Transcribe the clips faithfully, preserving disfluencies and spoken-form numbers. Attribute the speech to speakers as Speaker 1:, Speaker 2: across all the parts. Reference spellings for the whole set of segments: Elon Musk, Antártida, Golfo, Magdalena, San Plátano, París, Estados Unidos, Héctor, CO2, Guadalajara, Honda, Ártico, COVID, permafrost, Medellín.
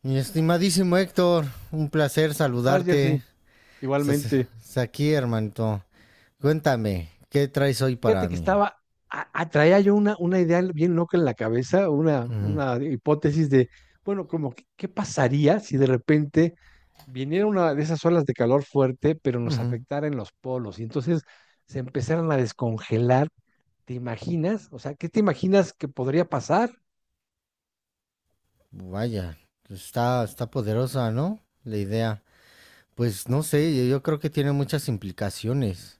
Speaker 1: Mi estimadísimo Héctor, un placer
Speaker 2: Estás,
Speaker 1: saludarte.
Speaker 2: Jersey, igualmente.
Speaker 1: Aquí, hermanito. Cuéntame, ¿qué traes hoy para
Speaker 2: Fíjate que
Speaker 1: mí?
Speaker 2: estaba, a- atraía yo una, una idea bien loca en la cabeza, una,
Speaker 1: Ujú,
Speaker 2: una hipótesis de, bueno, como, que, ¿qué pasaría si de repente viniera una de esas olas de calor fuerte, pero nos
Speaker 1: ujú.
Speaker 2: afectara en los polos? Y entonces se empezaran a descongelar. ¿Te imaginas? O sea, ¿qué te imaginas que podría pasar?
Speaker 1: Vaya, está, está poderosa, ¿no? La idea. Pues no sé, yo, yo creo que tiene muchas implicaciones.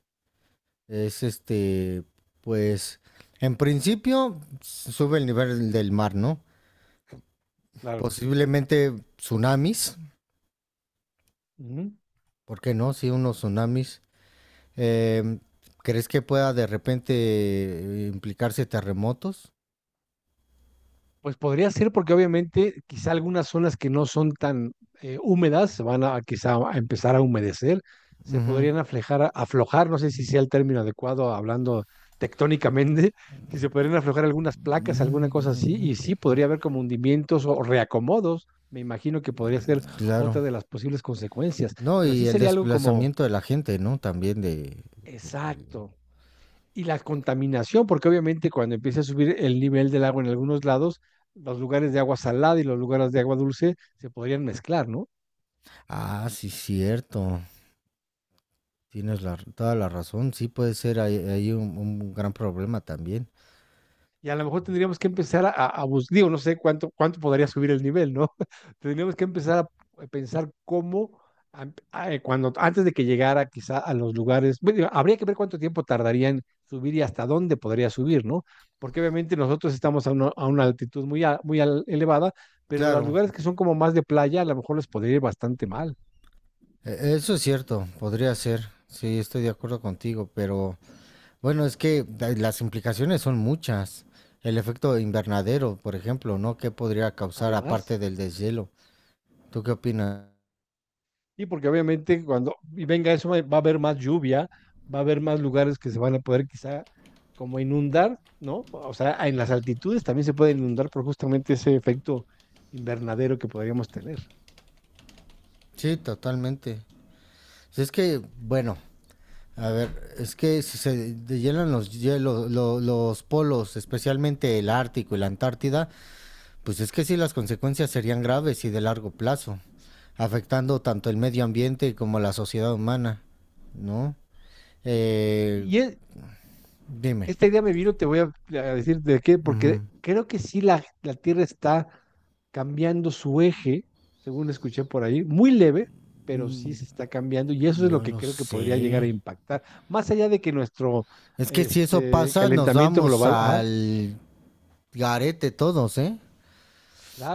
Speaker 1: Es este, pues, en principio sube el nivel del mar, ¿no?
Speaker 2: Claro.
Speaker 1: Posiblemente tsunamis,
Speaker 2: Ujú.
Speaker 1: ¿por qué no? Sí, unos tsunamis. Eh, ¿Crees que pueda de repente eh, implicarse terremotos?
Speaker 2: Pues podría ser porque obviamente quizá algunas zonas que no son tan eh, húmedas se van a quizá a empezar a humedecer, se
Speaker 1: Ujú.
Speaker 2: podrían aflejar, aflojar, no sé si sea el término adecuado hablando tectónicamente, si se podrían aflojar algunas placas, alguna cosa así,
Speaker 1: Mm,
Speaker 2: y sí podría haber como hundimientos o reacomodos, me imagino que podría ser
Speaker 1: Claro.
Speaker 2: otra de las posibles consecuencias,
Speaker 1: No,
Speaker 2: pero
Speaker 1: y
Speaker 2: sí
Speaker 1: el
Speaker 2: sería algo como
Speaker 1: desplazamiento de la gente, ¿no? También de...
Speaker 2: exacto, y la contaminación, porque obviamente cuando empieza a subir el nivel del agua en algunos lados, los lugares de agua salada y los lugares de agua dulce se podrían mezclar, ¿no?
Speaker 1: Ah, sí, cierto. Tienes la- toda la razón. Sí puede ser ahí, ahí un, un gran problema también.
Speaker 2: Y a lo mejor tendríamos que empezar a, a buscar, digo, no sé cuánto, cuánto podría subir el nivel, ¿no? Tendríamos que empezar a eh, pensar cómo, am- a- eh, cuando, antes de que llegara quizá a los lugares, bueno, digo, habría que ver cuánto tiempo tardaría en subir y hasta dónde podría subir, ¿no? Porque obviamente nosotros estamos a una, a una altitud muy, a- muy al- elevada, pero los
Speaker 1: Claro,
Speaker 2: lugares que son como más de playa, a lo mejor les podría ir bastante mal.
Speaker 1: e- eso es cierto. Podría ser. Sí, estoy de acuerdo contigo, pero bueno, es que da- las implicaciones son muchas. El efecto invernadero, por ejemplo, ¿no? ¿Qué podría causar
Speaker 2: Además.
Speaker 1: aparte del deshielo? ¿Tú qué opinas?
Speaker 2: Y porque obviamente cuando y venga eso va va a haber más lluvia, va a haber más lugares que se van a poder quizá como inundar, ¿no? O sea, en las altitudes también se puede inundar por justamente ese efecto invernadero que podríamos tener.
Speaker 1: Sí, totalmente. Si es que, bueno, a ver, es que si se deshielan los hielos, lo- los polos, especialmente el Ártico y la Antártida, pues es que sí las consecuencias serían graves y de largo plazo, afectando tanto el medio ambiente como la sociedad humana, ¿no? Eh,
Speaker 2: Y es,
Speaker 1: dime.
Speaker 2: esta idea me vino, te voy a, a decir de qué, porque
Speaker 1: Ujú.
Speaker 2: creo que sí la, la Tierra está cambiando su eje, según escuché por ahí, muy leve, pero sí se está cambiando y eso es lo
Speaker 1: No
Speaker 2: que
Speaker 1: lo
Speaker 2: creo que podría llegar a
Speaker 1: sé.
Speaker 2: impactar, más allá de que nuestro
Speaker 1: Es que si eso
Speaker 2: este,
Speaker 1: pasa, nos
Speaker 2: calentamiento
Speaker 1: vamos
Speaker 2: global, ajá,
Speaker 1: al garete todos, ¿eh?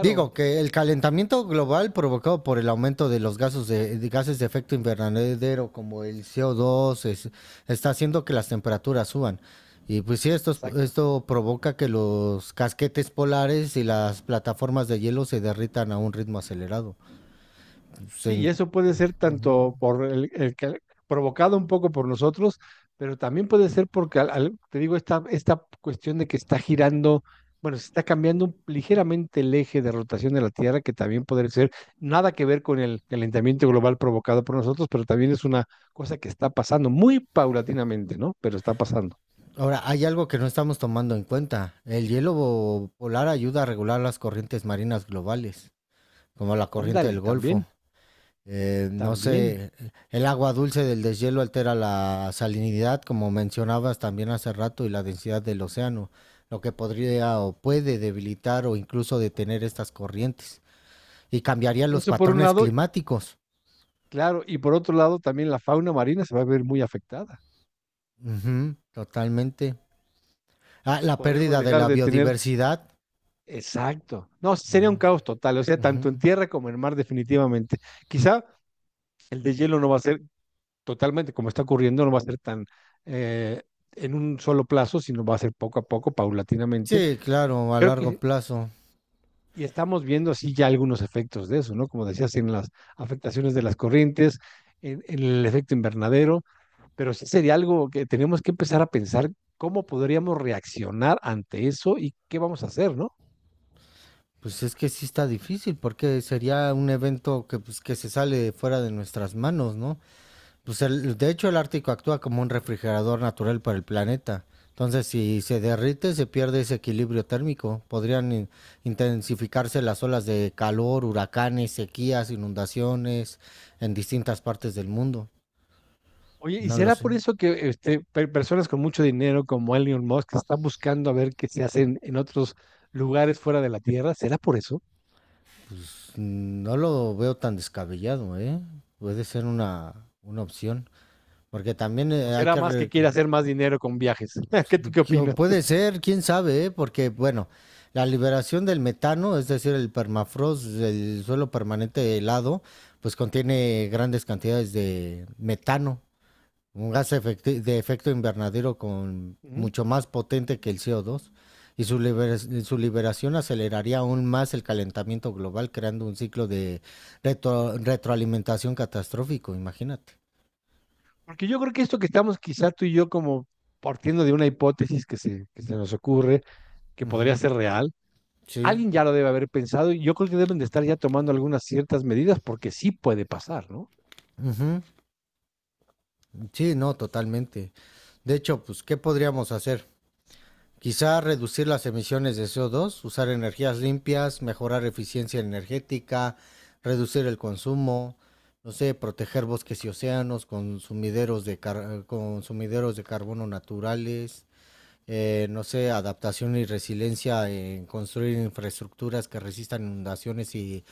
Speaker 1: Digo que el calentamiento global provocado por el aumento de los gases de, de gases de efecto invernadero como el C O dos es- está haciendo que las temperaturas suban. Y pues sí, esto, es-
Speaker 2: exacto.
Speaker 1: esto provoca que los casquetes polares y las plataformas de hielo se derritan a un ritmo acelerado.
Speaker 2: Sí, y
Speaker 1: Se-
Speaker 2: eso puede ser
Speaker 1: ujú.
Speaker 2: tanto por el, el que- provocado un poco por nosotros, pero también puede ser porque, al- al- te digo, esta, esta cuestión de que está girando, bueno, se está cambiando un- ligeramente el eje de rotación de la Tierra, que también puede ser nada que ver con el calentamiento global provocado por nosotros, pero también es una cosa que está pasando muy paulatinamente, ¿no? Pero está pasando.
Speaker 1: Ahora, hay algo que no estamos tomando en cuenta. El hielo bo- polar ayuda a regular las corrientes marinas globales, como la corriente del
Speaker 2: Ándale,
Speaker 1: Golfo.
Speaker 2: también,
Speaker 1: Eh, no
Speaker 2: también.
Speaker 1: sé, el agua dulce del deshielo altera la salinidad, como mencionabas también hace rato, y la densidad del océano, lo que podría o puede debilitar o incluso detener estas corrientes y cambiaría los
Speaker 2: Eso por un
Speaker 1: patrones
Speaker 2: lado,
Speaker 1: climáticos.
Speaker 2: claro, y por otro lado, también la fauna marina se va a ver muy afectada.
Speaker 1: Ujú, totalmente. Ah, la
Speaker 2: Podríamos
Speaker 1: pérdida de
Speaker 2: dejar
Speaker 1: la
Speaker 2: de tener
Speaker 1: biodiversidad.
Speaker 2: exacto. No, sería un caos total, o sea, tanto en
Speaker 1: Ujú.
Speaker 2: tierra como en mar, definitivamente. Quizá el de hielo no va a ser totalmente, como está ocurriendo, no va a ser tan eh, en un solo plazo, sino va a ser poco a poco, paulatinamente.
Speaker 1: Sí,
Speaker 2: Y
Speaker 1: claro, a
Speaker 2: creo
Speaker 1: largo
Speaker 2: que
Speaker 1: plazo.
Speaker 2: y estamos viendo así ya algunos efectos de eso, ¿no? Como decías, en las afectaciones de las corrientes, en, en el efecto invernadero, pero sí sería algo que tenemos que empezar a pensar cómo podríamos reaccionar ante eso y qué vamos a hacer, ¿no?
Speaker 1: Pues es que sí está difícil porque sería un evento que, pues, que se sale fuera de nuestras manos, ¿no? Pues el- de hecho el Ártico actúa como un refrigerador natural para el planeta. Entonces, si se derrite, se pierde ese equilibrio térmico. Podrían in- intensificarse las olas de calor, huracanes, sequías, inundaciones en distintas partes del mundo.
Speaker 2: Oye, ¿y
Speaker 1: No lo
Speaker 2: será
Speaker 1: sé.
Speaker 2: por eso que este, pe- personas con mucho dinero como Elon Musk están buscando a ver qué se hacen en otros lugares fuera de la Tierra? ¿Será por eso?
Speaker 1: Pues no lo veo tan descabellado, ¿eh? Puede ser una, una opción. Porque también
Speaker 2: ¿O
Speaker 1: eh, hay
Speaker 2: será
Speaker 1: que...
Speaker 2: más que
Speaker 1: re-
Speaker 2: quiere hacer más dinero con viajes? ¿Qué tú qué
Speaker 1: yo-
Speaker 2: opinas?
Speaker 1: Puede ser, quién sabe, ¿eh? Porque, bueno, la liberación del metano, es decir, el permafrost, el suelo permanente helado, pues contiene grandes cantidades de metano, un gas efecti- de efecto invernadero con
Speaker 2: Ujú.
Speaker 1: mucho más potente que el C O dos. Y su, libera- su liberación aceleraría aún más el calentamiento global, creando un ciclo de retro- retroalimentación catastrófico, imagínate.
Speaker 2: Porque yo creo que esto que estamos quizá tú y yo como partiendo de una hipótesis que se, que se nos ocurre, que podría
Speaker 1: Ujú,
Speaker 2: ser real,
Speaker 1: sí.
Speaker 2: alguien ya lo debe haber pensado y yo creo que deben de estar ya tomando algunas ciertas medidas porque sí puede pasar, ¿no?
Speaker 1: Ujú. Sí, no, totalmente. De hecho, pues, ¿qué podríamos hacer? Quizá reducir las emisiones de co dos, usar energías limpias, mejorar eficiencia energética, reducir el consumo, no sé, proteger bosques y océanos, consumideros de, car- consumideros de carbono naturales, eh, no sé, adaptación y resiliencia en construir infraestructuras que resistan inundaciones y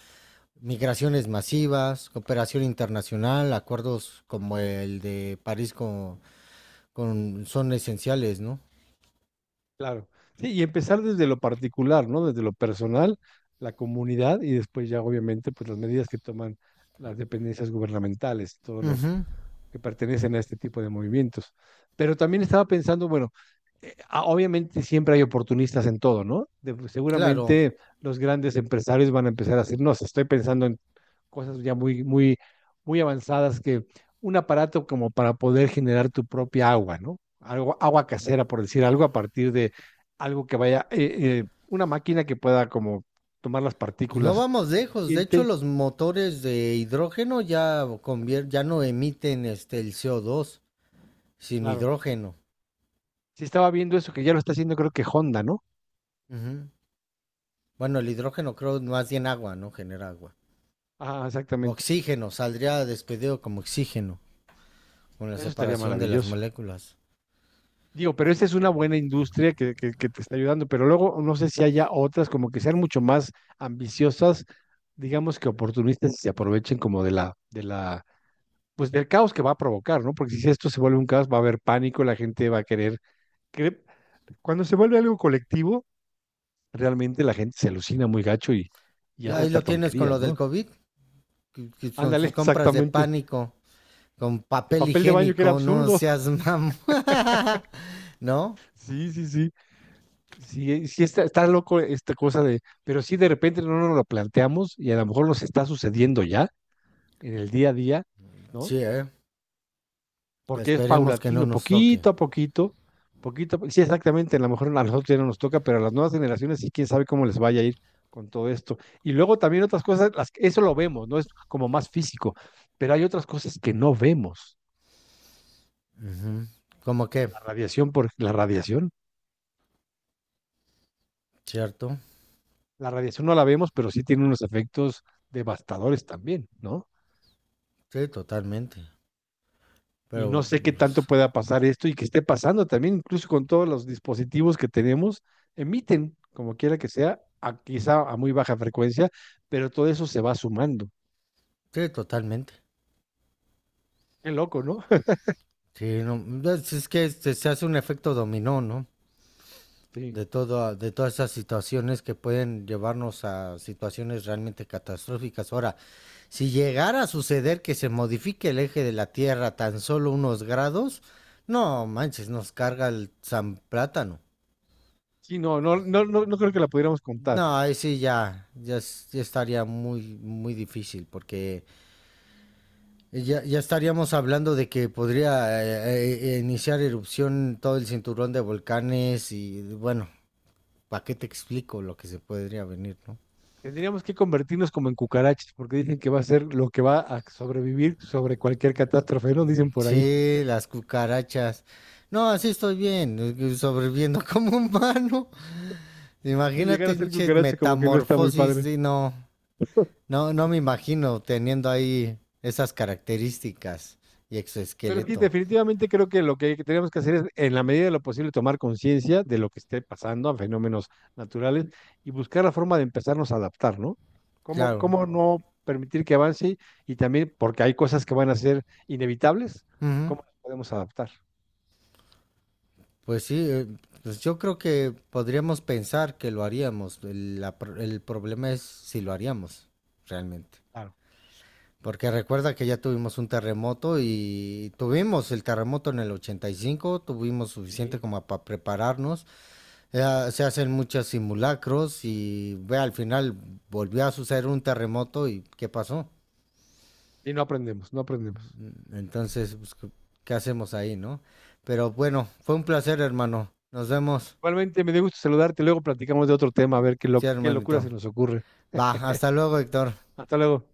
Speaker 1: migraciones masivas, cooperación internacional, acuerdos como el de París con con, son esenciales, ¿no?
Speaker 2: Claro. Sí, y empezar desde lo particular, ¿no? Desde lo personal, la comunidad y después ya obviamente pues las medidas que toman las dependencias gubernamentales, todos los
Speaker 1: Ujú,
Speaker 2: que pertenecen a este tipo de movimientos. Pero también estaba pensando, bueno, eh, ah, obviamente siempre hay oportunistas en todo, ¿no? De-
Speaker 1: claro.
Speaker 2: seguramente los grandes empresarios van a empezar a decir, no, si estoy pensando en cosas ya muy, muy, muy avanzadas que un aparato como para poder generar tu propia agua, ¿no? Algo, agua casera, por decir algo, a partir de algo que vaya, eh, eh, una máquina que pueda como tomar las
Speaker 1: Pues no
Speaker 2: partículas.
Speaker 1: vamos lejos. De hecho,
Speaker 2: Siente
Speaker 1: los motores de hidrógeno ya, convier- ya no emiten este, el C O dos, sino
Speaker 2: claro.
Speaker 1: hidrógeno.
Speaker 2: Si estaba viendo eso, que ya lo está haciendo, creo que Honda, ¿no?
Speaker 1: Ujú. Bueno, el hidrógeno creo más bien agua, ¿no? Genera agua.
Speaker 2: Ah, exactamente.
Speaker 1: Oxígeno, saldría despedido como oxígeno, con la
Speaker 2: Eso estaría
Speaker 1: separación de las
Speaker 2: maravilloso.
Speaker 1: moléculas.
Speaker 2: Digo, pero esa es una buena industria que, que, que te está ayudando, pero luego no sé si haya otras como que sean mucho más ambiciosas, digamos que oportunistas y se aprovechen como de la, de la pues del caos que va a provocar, ¿no? Porque si esto se vuelve un caos, va a haber pánico, la gente va a querer. cre- Cuando se vuelve algo colectivo, realmente la gente se alucina muy gacho y, y hace
Speaker 1: Ahí
Speaker 2: hasta
Speaker 1: lo tienes con lo
Speaker 2: tonterías,
Speaker 1: del
Speaker 2: ¿no?
Speaker 1: COVID, con
Speaker 2: Ándale,
Speaker 1: sus compras de
Speaker 2: exactamente.
Speaker 1: pánico, con
Speaker 2: El
Speaker 1: papel
Speaker 2: papel de baño que era
Speaker 1: higiénico, no
Speaker 2: absurdo.
Speaker 1: seas mam... ¿No?
Speaker 2: Sí, sí, sí. Sí, sí está, está loco esta cosa de, pero sí de repente no nos lo planteamos y a lo mejor nos está sucediendo ya en el día a día, ¿no?
Speaker 1: Sí, ¿eh?
Speaker 2: Porque es
Speaker 1: Esperemos que no
Speaker 2: paulatino,
Speaker 1: nos toque.
Speaker 2: poquito a poquito, poquito a po- sí, exactamente, a lo mejor a nosotros ya no nos toca, pero a las nuevas generaciones sí, quién sabe cómo les vaya a ir con todo esto. Y luego también otras cosas, las, eso lo vemos, ¿no? Es como más físico, pero hay otras cosas que no vemos.
Speaker 1: Ujú. ¿Cómo que?
Speaker 2: La radiación, por, la radiación,
Speaker 1: ¿Cierto?
Speaker 2: la radiación no la vemos, pero sí tiene unos efectos devastadores también, ¿no?
Speaker 1: Sí, totalmente.
Speaker 2: Y no
Speaker 1: Pero,
Speaker 2: sé qué tanto
Speaker 1: pues,
Speaker 2: pueda pasar esto y que esté pasando también, incluso con todos los dispositivos que tenemos, emiten, como quiera que sea, a- quizá a muy baja frecuencia, pero todo eso se va sumando.
Speaker 1: sí, totalmente.
Speaker 2: Qué loco, ¿no?
Speaker 1: Sí, no, es, es que este, se hace un efecto dominó, ¿no?
Speaker 2: Sí.
Speaker 1: De, todo, de todas esas situaciones que pueden llevarnos a situaciones realmente catastróficas. Ahora, si llegara a suceder que se modifique el eje de la Tierra tan solo unos grados, no manches, nos carga el San Plátano.
Speaker 2: Sí, no, no, no, no, no creo que la pudiéramos contar.
Speaker 1: No, ahí sí ya, ya, es- ya estaría muy, muy difícil porque ya, ya estaríamos hablando de que podría eh, eh, iniciar erupción todo el cinturón de volcanes y bueno, ¿para qué te explico lo que se podría venir, no?
Speaker 2: Tendríamos que convertirnos como en cucarachas, porque dicen que va a ser lo que va a sobrevivir sobre cualquier catástrofe, ¿no? Dicen por ahí.
Speaker 1: Sí, las cucarachas. No, así estoy bien, eh, sobreviviendo como humano.
Speaker 2: Si llegar a
Speaker 1: Imagínate,
Speaker 2: ser
Speaker 1: pinche
Speaker 2: cucaracha, como que no está muy
Speaker 1: metamorfosis,
Speaker 2: padre.
Speaker 1: sí, no, no, no me imagino teniendo ahí esas características y
Speaker 2: Pero sí,
Speaker 1: exoesqueleto.
Speaker 2: definitivamente creo que lo que tenemos que hacer es, en la medida de lo posible, tomar conciencia de lo que esté pasando a fenómenos naturales y buscar la forma de empezarnos a adaptar, ¿no? ¿Cómo,
Speaker 1: Claro.
Speaker 2: cómo no permitir que avance y también porque hay cosas que van a ser inevitables,
Speaker 1: Ujú.
Speaker 2: cómo nos podemos adaptar?
Speaker 1: Pues sí, eh, pues yo creo que podríamos pensar que lo haríamos. El, la pro- el problema es si lo haríamos realmente.
Speaker 2: Claro.
Speaker 1: Porque recuerda que ya tuvimos un terremoto y tuvimos el terremoto en el ochenta y cinco tuvimos suficiente
Speaker 2: Y,
Speaker 1: como para prepararnos. Eh, se hacen muchos simulacros y ve, al final volvió a suceder un terremoto y ¿qué pasó?
Speaker 2: y no aprendemos, no aprendemos.
Speaker 1: Entonces, pues, ¿qué qué hacemos ahí, no? Pero bueno, fue un placer, hermano. Nos vemos.
Speaker 2: Igualmente, me dio gusto saludarte, luego platicamos de otro tema, a ver qué, lo,
Speaker 1: Sí,
Speaker 2: qué locura
Speaker 1: hermanito.
Speaker 2: se nos ocurre.
Speaker 1: Va, hasta luego, Héctor.
Speaker 2: Hasta luego.